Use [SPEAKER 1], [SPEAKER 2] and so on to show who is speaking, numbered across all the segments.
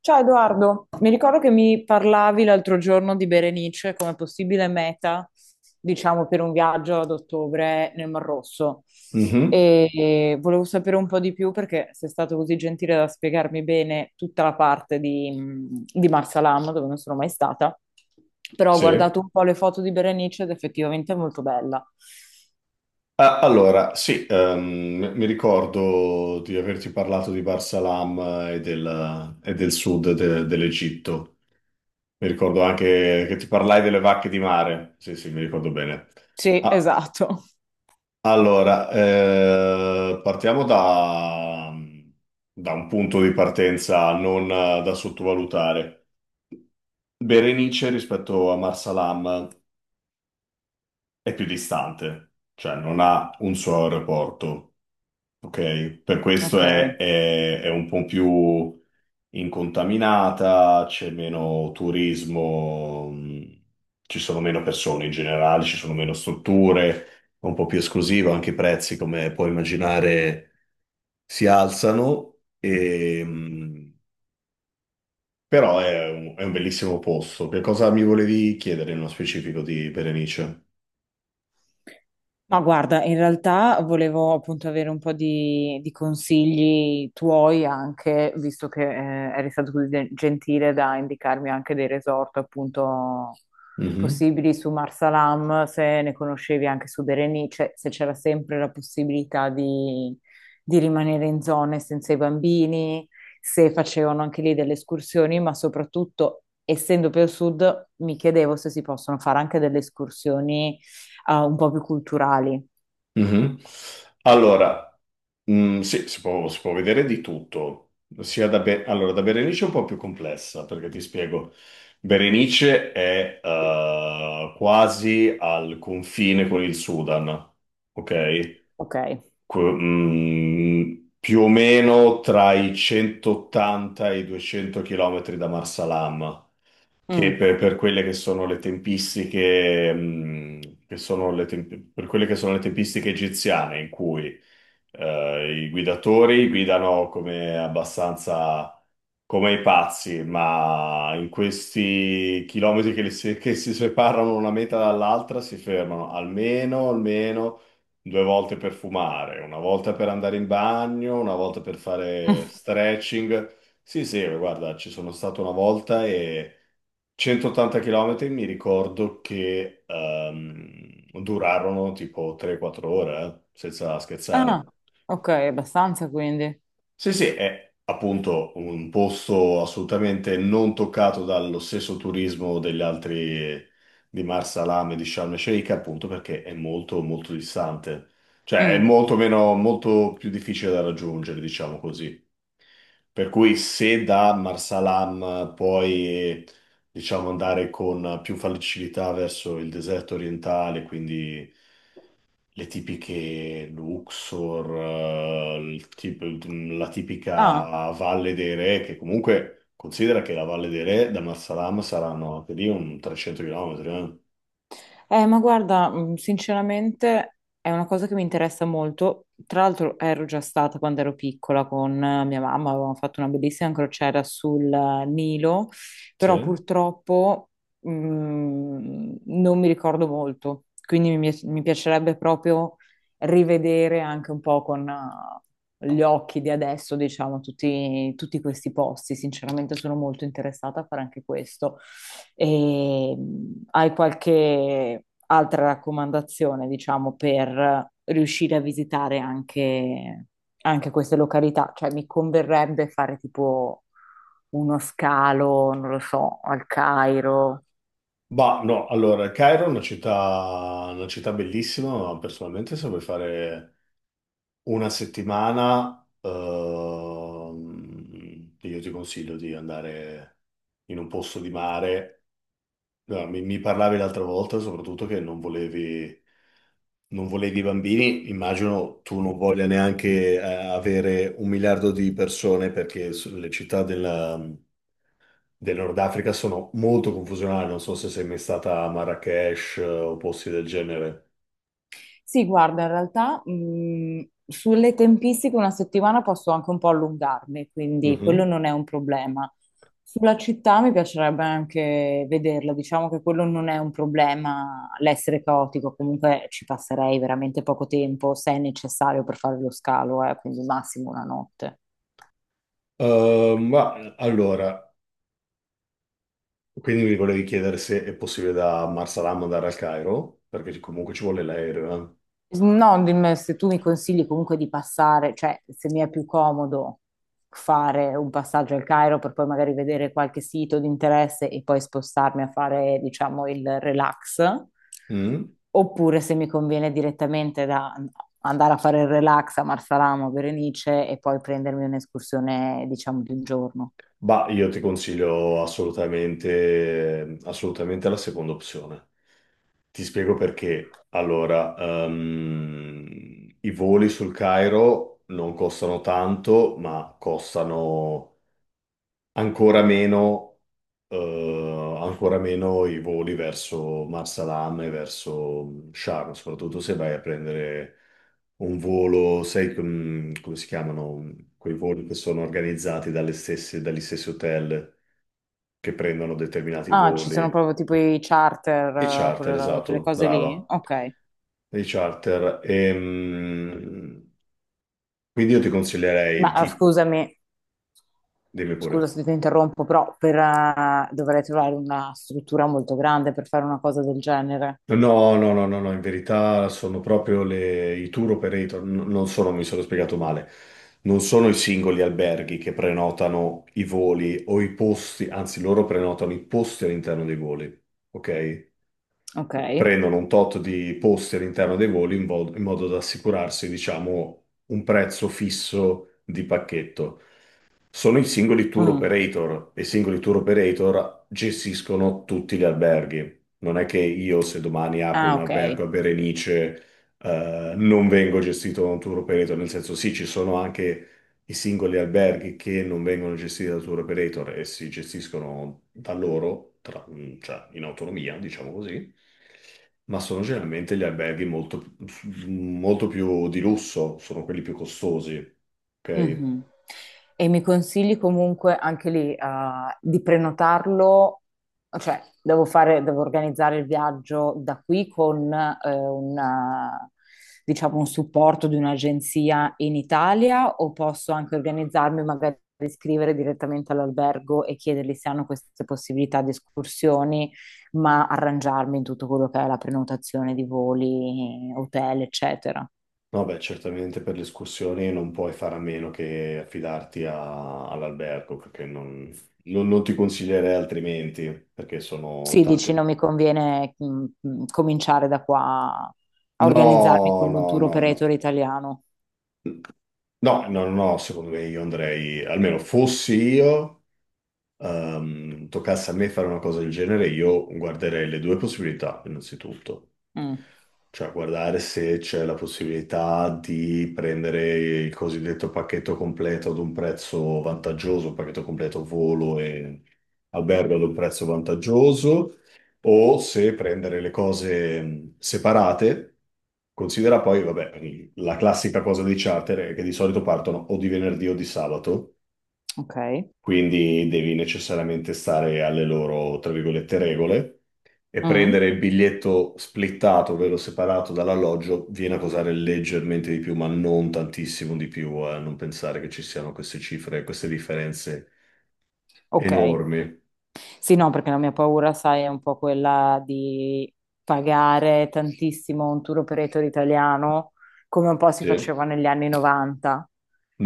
[SPEAKER 1] Ciao Edoardo, mi ricordo che mi parlavi l'altro giorno di Berenice come possibile meta, diciamo, per un viaggio ad ottobre nel Mar Rosso.
[SPEAKER 2] Mhm,
[SPEAKER 1] E volevo sapere un po' di più perché sei stato così gentile da spiegarmi bene tutta la parte di Marsalam, dove non sono mai stata. Però ho
[SPEAKER 2] sì.
[SPEAKER 1] guardato un po' le foto di Berenice ed effettivamente è molto bella.
[SPEAKER 2] Ah, allora, sì, mi ricordo di averti parlato di Barsalam e del sud dell'Egitto. Mi ricordo anche che ti parlai delle vacche di mare. Sì, sì, mi ricordo bene.
[SPEAKER 1] Sì,
[SPEAKER 2] Ah,
[SPEAKER 1] esatto.
[SPEAKER 2] allora, partiamo da un punto di partenza non da sottovalutare. Berenice rispetto a Marsalam è più distante, cioè non ha un suo aeroporto. Ok, per questo
[SPEAKER 1] Ok.
[SPEAKER 2] è un po' più incontaminata, c'è meno turismo, ci sono meno persone in generale, ci sono meno strutture, è un po' più esclusivo, anche i prezzi, come puoi immaginare, si alzano, però è un bellissimo posto. Che cosa mi volevi chiedere nello specifico di Berenice?
[SPEAKER 1] Ma guarda, in realtà volevo appunto avere un po' di consigli tuoi anche, visto che eri stato così gentile da indicarmi anche dei resort appunto
[SPEAKER 2] Mhm,
[SPEAKER 1] possibili su Marsalam, se ne conoscevi anche su Berenice, se c'era sempre la possibilità di rimanere in zone senza i bambini, se facevano anche lì delle escursioni, ma soprattutto, essendo più al sud, mi chiedevo se si possono fare anche delle escursioni un po' più culturali.
[SPEAKER 2] mhm. Allora. Mm, sì, si può vedere di tutto. Allora, da Berenice è un po' più complessa, perché ti spiego. Berenice è quasi al confine con il Sudan, ok?
[SPEAKER 1] Ok.
[SPEAKER 2] Que- mm, più o meno tra i 180 e i 200 chilometri da Marsalam, che
[SPEAKER 1] Mm.
[SPEAKER 2] per quelle che sono le tempistiche, che sono le temp- per quelle che sono le tempistiche egiziane, in cui i guidatori guidano come abbastanza come i pazzi, ma in questi chilometri che si separano una meta dall'altra, si fermano almeno, almeno due volte per fumare, una volta per andare in bagno, una volta per fare stretching. Sì, sì, guarda, ci sono stato una volta e 180 km mi ricordo che durarono tipo 3-4 ore, senza scherzare.
[SPEAKER 1] Ah, ok, abbastanza quindi.
[SPEAKER 2] Sì, sì, è appunto un posto assolutamente non toccato dallo stesso turismo degli altri di Marsalam e di Sharm el Sheikh, appunto perché è molto molto distante. Cioè è
[SPEAKER 1] Mm.
[SPEAKER 2] molto meno, molto più difficile da raggiungere, diciamo così. Per cui se da Marsalam puoi, diciamo, andare con più facilità verso il deserto orientale, quindi le tipiche Luxor, la
[SPEAKER 1] Ah,
[SPEAKER 2] tipica Valle dei Re, che comunque considera che la Valle dei Re da Marsalam saranno anche lì un 300 km.
[SPEAKER 1] ma guarda, sinceramente è una cosa che mi interessa molto. Tra l'altro ero già stata quando ero piccola con mia mamma, avevamo fatto una bellissima crociera sul Nilo, però
[SPEAKER 2] Sì.
[SPEAKER 1] purtroppo non mi ricordo molto, quindi mi piacerebbe proprio rivedere anche un po' con, gli occhi di adesso, diciamo, tutti questi posti. Sinceramente sono molto interessata a fare anche questo. E, hai qualche altra raccomandazione, diciamo, per riuscire a visitare anche, anche queste località? Cioè, mi converrebbe fare tipo uno scalo, non lo so, al Cairo.
[SPEAKER 2] Bah, no, allora, Cairo è una città bellissima, ma personalmente se vuoi fare una settimana, io ti consiglio di andare in un posto di mare. No, mi parlavi l'altra volta soprattutto che non volevi bambini. Immagino tu non voglia neanche avere un miliardo di persone perché le città del Nord Africa sono molto confusionali. Non so se sei mai stata a Marrakech o posti del genere.
[SPEAKER 1] Sì, guarda, in realtà sulle tempistiche una settimana posso anche un po' allungarmi, quindi quello
[SPEAKER 2] Mhm.
[SPEAKER 1] non è un problema. Sulla città mi piacerebbe anche vederla, diciamo che quello non è un problema, l'essere caotico, comunque ci passerei veramente poco tempo se è necessario per fare lo scalo, quindi massimo una notte.
[SPEAKER 2] Ma allora. Quindi mi volevi chiedere se è possibile da Marsalam andare al Cairo, perché comunque ci vuole l'aereo.
[SPEAKER 1] No, dimmi se tu mi consigli comunque di passare, cioè se mi è più comodo fare un passaggio al Cairo per poi magari vedere qualche sito di interesse e poi spostarmi a fare, diciamo, il relax,
[SPEAKER 2] Eh. Mm?
[SPEAKER 1] oppure se mi conviene direttamente da andare a fare il relax a Marsalamo, a Berenice e poi prendermi un'escursione, diciamo, di un giorno.
[SPEAKER 2] Bah, io ti consiglio assolutamente, assolutamente la seconda opzione. Ti spiego perché. Allora, i voli sul Cairo non costano tanto, ma costano ancora meno i voli verso Marsalam e verso Sharm, soprattutto se vai a prendere un volo, sai come si chiamano quei voli che sono organizzati dagli stessi hotel che prendono determinati
[SPEAKER 1] Ah, ci sono
[SPEAKER 2] voli.
[SPEAKER 1] proprio tipo i charter,
[SPEAKER 2] I charter,
[SPEAKER 1] quelle, quelle
[SPEAKER 2] esatto,
[SPEAKER 1] cose lì?
[SPEAKER 2] brava.
[SPEAKER 1] Ok.
[SPEAKER 2] I charter. Quindi io ti consiglierei di...
[SPEAKER 1] Scusami,
[SPEAKER 2] Dimmi pure.
[SPEAKER 1] scusa se ti interrompo, però per, dovrei trovare una struttura molto grande per fare una cosa del genere.
[SPEAKER 2] No, no, no, no, no, in verità sono proprio i tour operator, non sono, mi sono spiegato male, non sono i singoli alberghi che prenotano i voli o i posti, anzi loro prenotano i posti all'interno dei voli, ok?
[SPEAKER 1] Ok.
[SPEAKER 2] Prendono un tot di posti all'interno dei voli in modo da assicurarsi, diciamo, un prezzo fisso di pacchetto. Sono i singoli tour
[SPEAKER 1] Mm.
[SPEAKER 2] operator e i singoli tour operator gestiscono tutti gli alberghi. Non è che io, se domani apro
[SPEAKER 1] Ah,
[SPEAKER 2] un
[SPEAKER 1] ok.
[SPEAKER 2] albergo a Berenice, non vengo gestito da un tour operator, nel senso sì, ci sono anche i singoli alberghi che non vengono gestiti da tour operator e si gestiscono da loro, cioè in autonomia, diciamo così, ma sono generalmente gli alberghi molto molto più di lusso, sono quelli più costosi, ok?
[SPEAKER 1] Mhm. E mi consigli comunque anche lì, di prenotarlo, cioè devo fare, devo organizzare il viaggio da qui con un, diciamo, un supporto di un'agenzia in Italia o posso anche organizzarmi magari iscrivere direttamente all'albergo e chiedergli se hanno queste possibilità di escursioni, ma arrangiarmi in tutto quello che è la prenotazione di voli, hotel, eccetera.
[SPEAKER 2] No, beh, certamente per le escursioni non puoi fare a meno che affidarti all'albergo, perché non ti consiglierei altrimenti, perché sono
[SPEAKER 1] Sì, dici, non
[SPEAKER 2] tante...
[SPEAKER 1] mi conviene cominciare da qua a
[SPEAKER 2] No,
[SPEAKER 1] organizzarmi con un
[SPEAKER 2] no,
[SPEAKER 1] tour
[SPEAKER 2] no, no.
[SPEAKER 1] operator italiano.
[SPEAKER 2] No, no, no, no, secondo me io andrei, almeno fossi io, toccasse a me fare una cosa del genere, io guarderei le due possibilità, innanzitutto.
[SPEAKER 1] Mm,
[SPEAKER 2] Cioè, guardare se c'è la possibilità di prendere il cosiddetto pacchetto completo ad un prezzo vantaggioso, pacchetto completo volo e albergo ad un prezzo vantaggioso, o se prendere le cose separate. Considera poi, vabbè, la classica cosa dei charter è che di solito partono o di venerdì o di sabato,
[SPEAKER 1] ok.
[SPEAKER 2] quindi devi necessariamente stare alle loro, tra virgolette, regole e prendere
[SPEAKER 1] Mm,
[SPEAKER 2] il biglietto splittato, ovvero separato dall'alloggio, viene a costare leggermente di più, ma non tantissimo di più, non pensare che ci siano queste cifre, queste differenze
[SPEAKER 1] ok.
[SPEAKER 2] enormi.
[SPEAKER 1] Sì, no, perché la mia paura, sai, è un po' quella di pagare tantissimo un tour operator italiano, come un po' si
[SPEAKER 2] Sì.
[SPEAKER 1] faceva negli anni 90,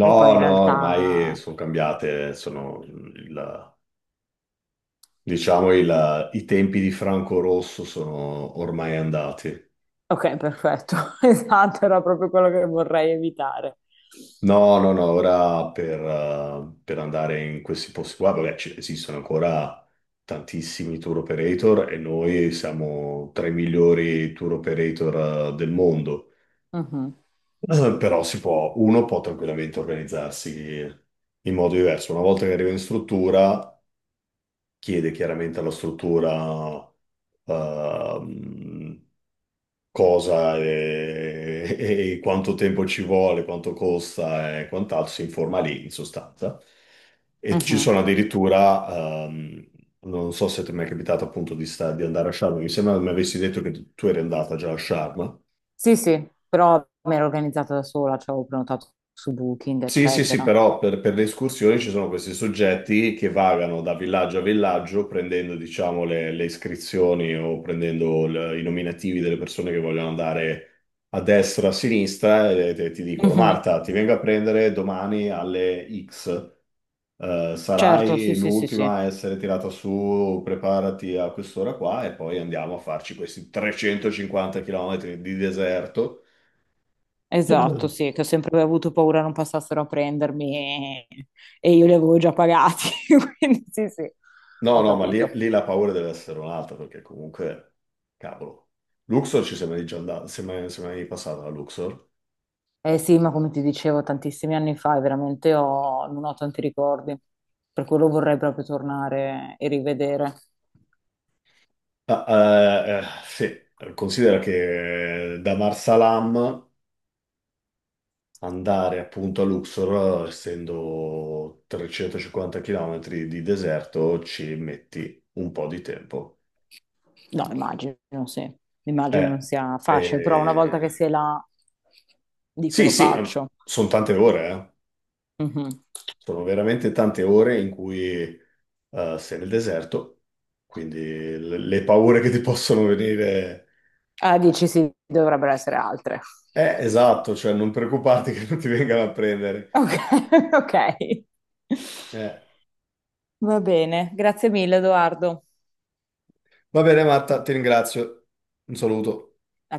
[SPEAKER 1] e poi in
[SPEAKER 2] no, ormai
[SPEAKER 1] realtà...
[SPEAKER 2] sono cambiate, sono il- diciamo il- i tempi di Franco Rosso sono ormai andati.
[SPEAKER 1] Ok, perfetto. Esatto, era proprio quello che vorrei evitare.
[SPEAKER 2] No, no, no, ora per andare in questi posti qua, vabbè, esistono ancora tantissimi tour operator e noi siamo tra i migliori tour operator del mondo.
[SPEAKER 1] Mhm,
[SPEAKER 2] Però si può, uno può tranquillamente organizzarsi in modo diverso. Una volta che arriva in struttura, chiede chiaramente alla struttura, ehm, cosa e, e quanto tempo ci vuole, quanto costa e quant'altro, si informa lì in sostanza. E ci
[SPEAKER 1] mhm.
[SPEAKER 2] sono addirittura, non so se ti è mai capitato appunto di andare a Sharm, mi sembra mi avessi detto che tu eri andata già a Sharm.
[SPEAKER 1] Sì, sì, però mi ero organizzata da sola, cioè avevo prenotato su Booking,
[SPEAKER 2] Sì, sì, sì,
[SPEAKER 1] eccetera.
[SPEAKER 2] però per le escursioni ci sono questi soggetti che vagano da villaggio a villaggio prendendo, diciamo, le iscrizioni o prendendo i nominativi delle persone che vogliono andare a destra, a sinistra e ti dicono,
[SPEAKER 1] Mhm.
[SPEAKER 2] Marta, ti vengo a prendere domani alle X.
[SPEAKER 1] Certo, sì,
[SPEAKER 2] Sarai
[SPEAKER 1] sì, sì, sì,
[SPEAKER 2] l'ultima a essere tirata su, preparati a quest'ora qua e poi andiamo a farci questi 350 chilometri di deserto.
[SPEAKER 1] esatto, sì, che ho sempre avuto paura non passassero a prendermi e, e io li avevo già pagati, quindi sì, sì,
[SPEAKER 2] No,
[SPEAKER 1] ho
[SPEAKER 2] no, ma
[SPEAKER 1] capito.
[SPEAKER 2] lì la paura deve essere un'altra, perché comunque, cavolo, Luxor ci siamo mai già andati, siamo mai passati a Luxor.
[SPEAKER 1] Eh sì, ma come ti dicevo tantissimi anni fa, veramente non ho tanti ricordi, per quello vorrei proprio tornare e rivedere.
[SPEAKER 2] Ah, sì, considera che da Marsalam andare appunto a Luxor, essendo 350 km di deserto, ci metti un po' di tempo.
[SPEAKER 1] No, immagino, sì. Immagino
[SPEAKER 2] Eh,
[SPEAKER 1] non sia facile, però una
[SPEAKER 2] eh,
[SPEAKER 1] volta che sei là, dico
[SPEAKER 2] sì,
[SPEAKER 1] lo
[SPEAKER 2] sì,
[SPEAKER 1] faccio.
[SPEAKER 2] sono tante ore, eh.
[SPEAKER 1] Mhm.
[SPEAKER 2] Sono veramente tante ore in cui sei nel deserto, quindi le paure che ti possono venire...
[SPEAKER 1] Ah, dici sì, dovrebbero essere altre.
[SPEAKER 2] Esatto, cioè non preoccuparti che non ti vengano a prendere.
[SPEAKER 1] Ok, ok.
[SPEAKER 2] Eh.
[SPEAKER 1] Va bene, grazie mille, Edoardo.
[SPEAKER 2] Va bene, Marta, ti ringrazio. Un saluto.